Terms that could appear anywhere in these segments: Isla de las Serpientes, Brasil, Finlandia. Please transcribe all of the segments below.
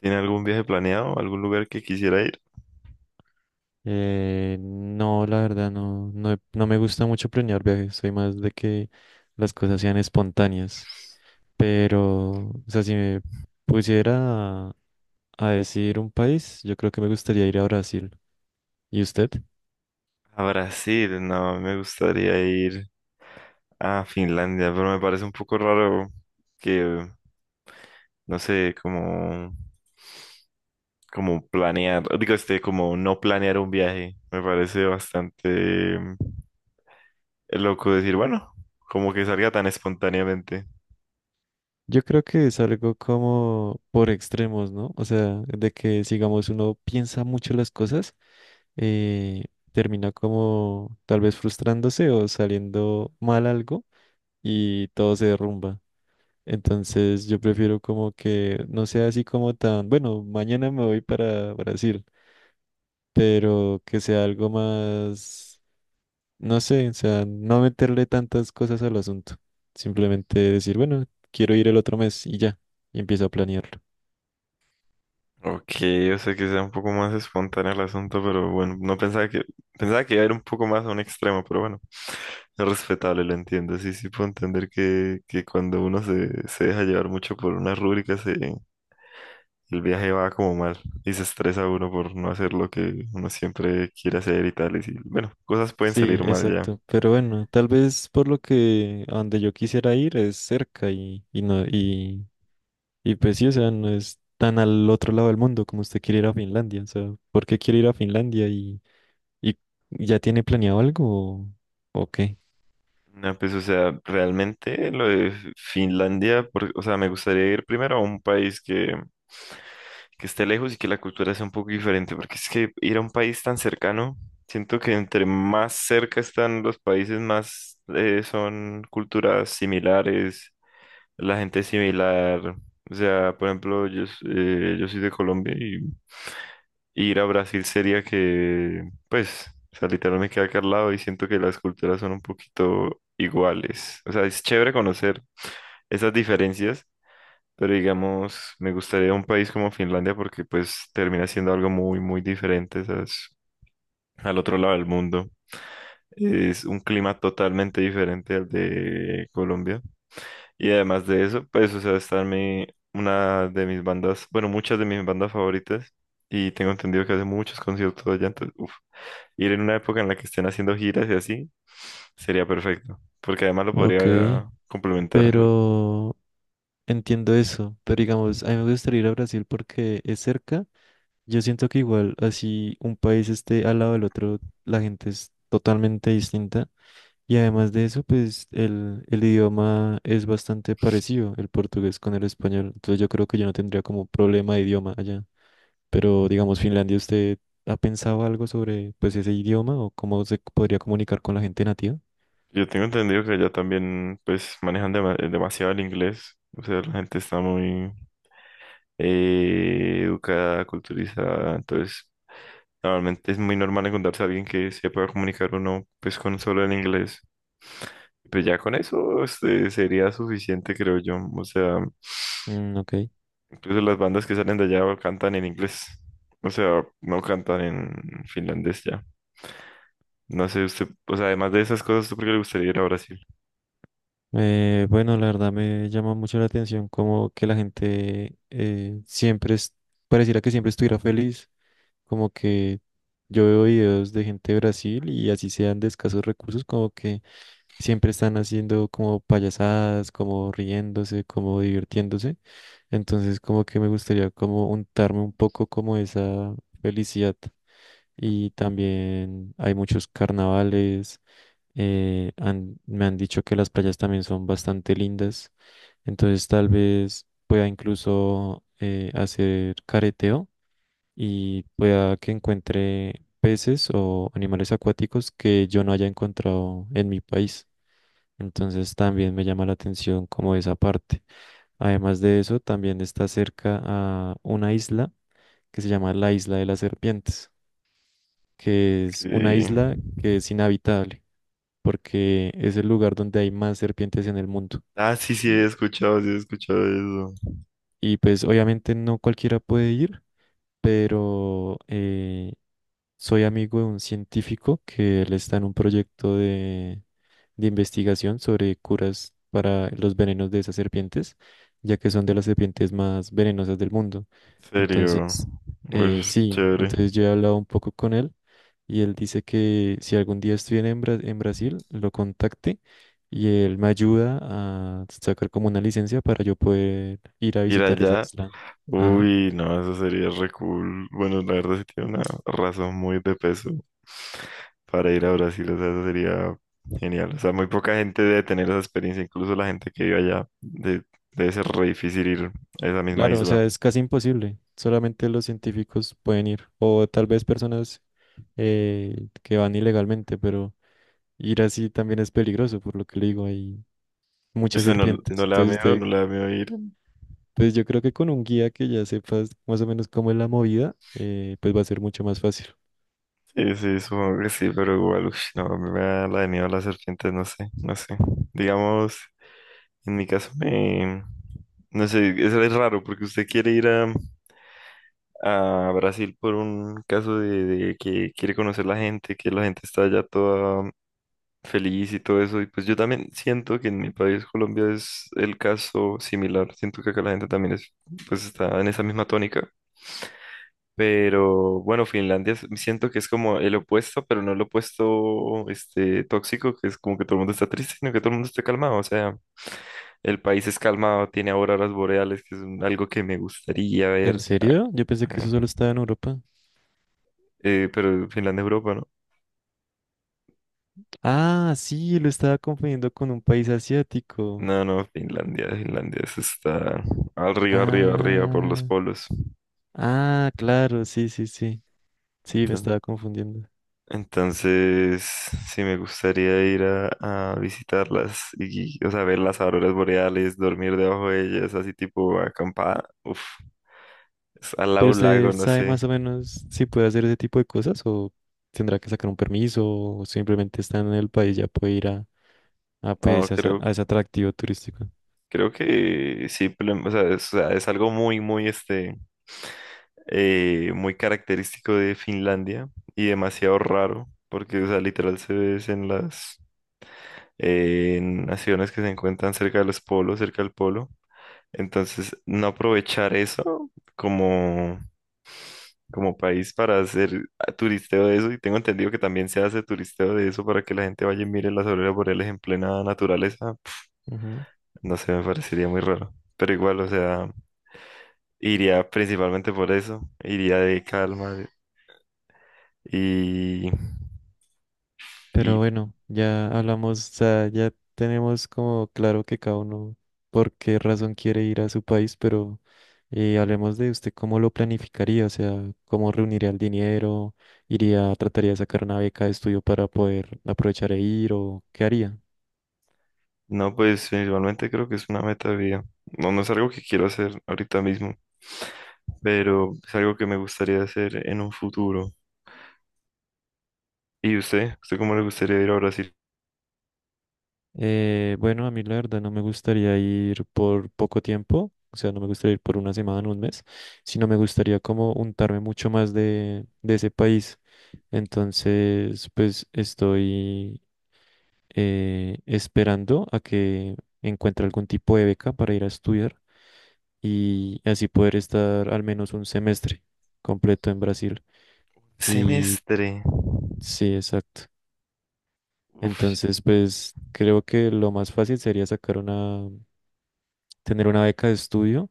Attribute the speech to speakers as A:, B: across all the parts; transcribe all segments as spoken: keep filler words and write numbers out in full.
A: ¿Tiene algún viaje planeado? ¿Algún lugar que quisiera ir?
B: Eh, no, la verdad, no, no, he- no me gusta mucho planear viajes, soy más de que las cosas sean espontáneas. Pero, o sea, si me pusiera a, a decir un país, yo creo que me gustaría ir a Brasil. ¿Y usted?
A: A Brasil, no, me gustaría ir a Finlandia, pero me parece un poco raro que, no sé, como, como planear, digo, este, como no planear un viaje. Me parece bastante mm, loco decir, bueno, como que salga tan espontáneamente.
B: Yo creo que es algo como por extremos, ¿no? O sea, de que, digamos, uno piensa mucho las cosas. eh, termina como tal vez frustrándose o saliendo mal algo y todo se derrumba. Entonces yo prefiero como que no sea así como tan, bueno, mañana me voy para Brasil, pero que sea algo más, no sé, o sea, no meterle tantas cosas al asunto. Simplemente decir, bueno, quiero ir el otro mes y ya, y empiezo a planearlo.
A: Ok, o sea que sea un poco más espontáneo el asunto, pero bueno, no pensaba que, pensaba que iba a ir un poco más a un extremo, pero bueno, es respetable, lo entiendo. Sí, sí puedo entender que, que cuando uno se, se deja llevar mucho por una rúbrica, se, el viaje va como mal y se estresa uno por no hacer lo que uno siempre quiere hacer y tal, y sí, bueno, cosas pueden
B: Sí,
A: salir mal ya.
B: exacto. Pero bueno, tal vez por lo que a donde yo quisiera ir es cerca y, y no, y Y pues sí, o sea, no es tan al otro lado del mundo como usted quiere ir a Finlandia. O sea, ¿por qué quiere ir a Finlandia y, y ya tiene planeado algo o, o qué?
A: No, pues, o sea, realmente lo de Finlandia, por- o sea, me gustaría ir primero a un país que que esté lejos y que la cultura sea un poco diferente, porque es que ir a un país tan cercano, siento que entre más cerca están los países, más eh, son culturas similares, la gente es similar. O sea, por ejemplo, yo, s- eh, yo soy de Colombia y ir a Brasil sería que, pues, o sea, literal me queda acá al lado y siento que las culturas son un poquito iguales. O sea, es chévere conocer esas diferencias, pero digamos, me gustaría un país como Finlandia porque pues termina siendo algo muy, muy diferente, ¿sabes? Al otro lado del mundo. Es un clima totalmente diferente al de Colombia. Y además de eso, pues, o sea, está mi, una de mis bandas, bueno, muchas de mis bandas favoritas. Y tengo entendido que hace muchos conciertos allá, entonces, uf, ir en una época en la que estén haciendo giras y así, sería perfecto. Porque además lo
B: Ok,
A: podría complementar.
B: pero entiendo eso. Pero digamos, a mí me gustaría ir a Brasil porque es cerca. Yo siento que igual, así un país esté al lado del otro, la gente es totalmente distinta. Y además de eso, pues el, el idioma es bastante parecido, el portugués con el español. Entonces yo creo que yo no tendría como problema de idioma allá. Pero digamos, Finlandia, ¿usted ha pensado algo sobre pues ese idioma o cómo se podría comunicar con la gente nativa?
A: Yo tengo entendido que allá también, pues, manejan dema- eh, demasiado el inglés. O sea, la gente está muy eh, educada, culturizada. Entonces, normalmente es muy normal encontrarse a alguien que se pueda comunicar uno, pues, con solo el inglés. Pues ya con eso este, sería suficiente, creo yo. O sea,
B: Mm, ok.
A: incluso las bandas que salen de allá cantan en inglés. O sea, no cantan en finlandés ya. No sé, usted, o sea, además de esas cosas, ¿usted por qué le gustaría ir a Brasil?
B: Eh, bueno, la verdad me llama mucho la atención como que la gente eh, siempre es, pareciera que siempre estuviera feliz, como que yo veo videos de gente de Brasil y así sean de escasos recursos, como que siempre están haciendo como payasadas, como riéndose, como divirtiéndose. Entonces, como que me gustaría como untarme un poco como esa felicidad. Y también hay muchos carnavales. Eh, han- me han dicho que las playas también son bastante lindas. Entonces, tal vez pueda incluso eh, hacer careteo y pueda que encuentre peces o animales acuáticos que yo no haya encontrado en mi país. Entonces también me llama la atención como esa parte. Además de eso, también está cerca a una isla que se llama la Isla de las Serpientes, que es una
A: Que
B: isla que es inhabitable porque es el lugar donde hay más serpientes en el mundo.
A: ah, sí, sí, he
B: Y,
A: escuchado, sí, he escuchado eso.
B: y pues obviamente no cualquiera puede ir, pero eh, soy amigo de un científico que él está en un proyecto de, de investigación sobre curas para los venenos de esas serpientes, ya que son de las serpientes más venenosas del mundo.
A: En serio.
B: Entonces, eh,
A: Uy,
B: sí,
A: chévere.
B: entonces yo he hablado un poco con él y él dice que si algún día estoy en, Bra- en Brasil, lo contacte y él me ayuda a sacar como una licencia para yo poder ir a
A: Ir
B: visitar esa
A: allá.
B: isla. Ajá.
A: Uy, no, eso sería re cool. Bueno, la verdad sí tiene una razón muy de peso para ir a Brasil. O sea, eso sería genial. O sea, muy poca gente debe tener esa experiencia. Incluso la gente que vive allá de- debe ser re difícil ir a esa misma
B: Claro, o
A: isla.
B: sea, es casi imposible. Solamente los científicos pueden ir, o tal vez personas eh, que van ilegalmente, pero ir así también es peligroso, por lo que le digo, hay muchas
A: ¿Usted no, no
B: serpientes.
A: le da
B: Entonces,
A: miedo? ¿No
B: de-
A: le da miedo ir?
B: pues yo creo que con un guía que ya sepas más o menos cómo es la movida, eh, pues va a ser mucho más fácil.
A: Sí, sí, supongo que sí, pero igual, uff, no, a mí me da la de miedo a las serpientes, no sé, no sé. Digamos, en mi caso me... No sé, eso es raro, porque usted quiere ir a, a Brasil por un caso de, de que quiere conocer la gente, que la gente está allá toda feliz y todo eso, y pues yo también siento que en mi país, Colombia, es el caso similar, siento que acá la gente también es, pues está en esa misma tónica. Pero bueno, Finlandia es- siento que es como el opuesto, pero no el opuesto este, tóxico, que es como que todo el mundo está triste, sino que todo el mundo está calmado. O sea, el país es calmado, tiene auroras boreales, que es un- algo que me gustaría ver.
B: ¿En serio? Yo pensé que eso
A: Ah,
B: solo estaba en Europa.
A: eh, pero Finlandia, Europa, ¿no?
B: Ah, sí, lo estaba confundiendo con un país asiático.
A: No, no, Finlandia, Finlandia, eso está arriba, arriba, arriba por los
B: Ah,
A: polos.
B: ah, claro, sí, sí, sí. Sí, me estaba confundiendo.
A: Entonces, sí me gustaría ir a, a visitarlas y, o sea, ver las auroras boreales, dormir debajo de ellas, así tipo acampada. Uf, es al lado
B: Pero
A: de un
B: usted
A: lago, no
B: sabe
A: sé.
B: más o menos si puede hacer ese tipo de cosas o tendrá que sacar un permiso o simplemente está en el país ya puede ir a, a,
A: No,
B: pues, a, esa-
A: creo,
B: a ese atractivo turístico.
A: creo que sí, pero, o sea, es, o sea, es algo muy, muy, este, eh, muy característico de Finlandia y demasiado raro, porque, o sea, literal se ve es en las, eh, en naciones que se encuentran cerca de los polos, cerca del polo. Entonces, no aprovechar eso como, como país para hacer ah, turisteo de eso. Y tengo entendido que también se hace turisteo de eso para que la gente vaya y mire las auroras boreales en plena naturaleza.
B: Ujú.
A: No sé, me parecería muy raro. Pero igual, o sea, iría principalmente por eso. Iría de calma. De- Y,
B: Pero
A: y
B: bueno, ya hablamos, o sea, ya tenemos como claro que cada uno por qué razón quiere ir a su país, pero eh, hablemos de usted cómo lo planificaría, o sea, cómo reuniría el dinero, iría, trataría de sacar una beca de estudio para poder aprovechar e ir o qué haría.
A: no, pues principalmente creo que es una meta de vida. No, no es algo que quiero hacer ahorita mismo, pero es algo que me gustaría hacer en un futuro. ¿Y usted? ¿Usted cómo le gustaría ir a Brasil?
B: Eh, bueno, a mí la verdad no me gustaría ir por poco tiempo, o sea, no me gustaría ir por una semana, un mes, sino me gustaría como untarme mucho más de, de ese país. Entonces, pues estoy eh, esperando a que encuentre algún tipo de beca para ir a estudiar y así poder estar al menos un semestre completo en Brasil. Y
A: Semestre.
B: sí, exacto.
A: Uf,
B: Entonces, pues creo que lo más fácil sería sacar una tener una beca de estudio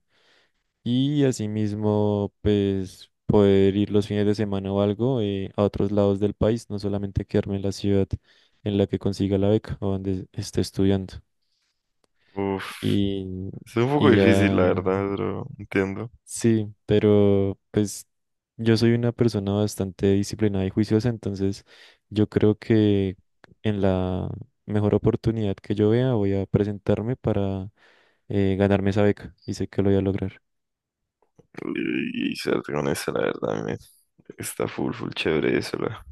B: y asimismo, pues poder ir los fines de semana o algo eh, a otros lados del país, no solamente quedarme en la ciudad en la que consiga la beca o donde esté estudiando.
A: uf.
B: Y,
A: Es un poco
B: y
A: difícil, la
B: ya,
A: verdad, pero entiendo.
B: sí, pero pues yo soy una persona bastante disciplinada y juiciosa, entonces yo creo que en la mejor oportunidad que yo vea voy a presentarme para eh, ganarme esa beca y sé que lo voy a lograr.
A: Y, y suerte con eso, la verdad, a mí me- está full, full chévere eso, la,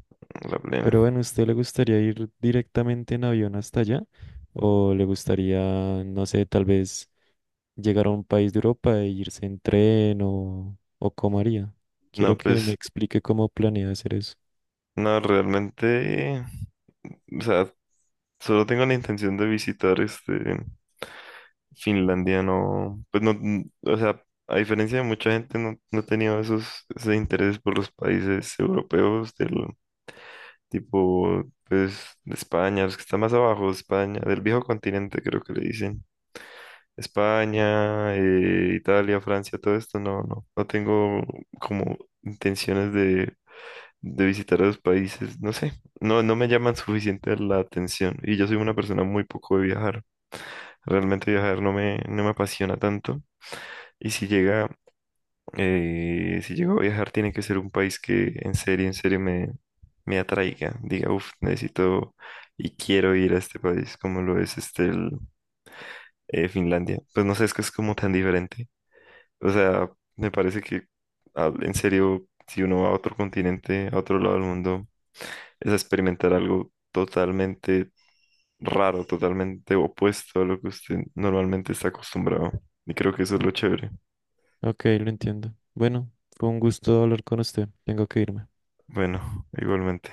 A: la
B: Pero
A: plena.
B: bueno, ¿usted le gustaría ir directamente en avión hasta allá? ¿O le gustaría, no sé, tal vez llegar a un país de Europa e irse en tren o, o cómo haría?
A: No,
B: Quiero que me
A: pues,
B: explique cómo planea hacer eso.
A: no, realmente, o sea, solo tengo la intención de visitar este Finlandia, no, pues no, n- o sea, a diferencia de mucha gente, no, no he tenido esos, ese interés por los países europeos del tipo, pues, de España, los que están más abajo, España, del viejo continente creo que le dicen. España, eh, Italia, Francia, todo esto, no, no, no tengo como intenciones de, de visitar esos países, no sé, no, no me llaman suficiente la atención y yo soy una persona muy poco de viajar, realmente viajar no me, no me apasiona tanto y si llega, eh, si llego a viajar tiene que ser un país que en serio, en serio me atraiga, diga, uff, necesito y quiero ir a este país, como lo es este el, eh, Finlandia. Pues no sé, es que es como tan diferente. O sea, me parece que ah, en serio, si uno va a otro continente, a otro lado del mundo, es a experimentar algo totalmente raro, totalmente opuesto a lo que usted normalmente está acostumbrado. Y creo que eso es lo chévere.
B: Ok, lo entiendo. Bueno, fue un gusto hablar con usted. Tengo que irme.
A: Bueno, igualmente.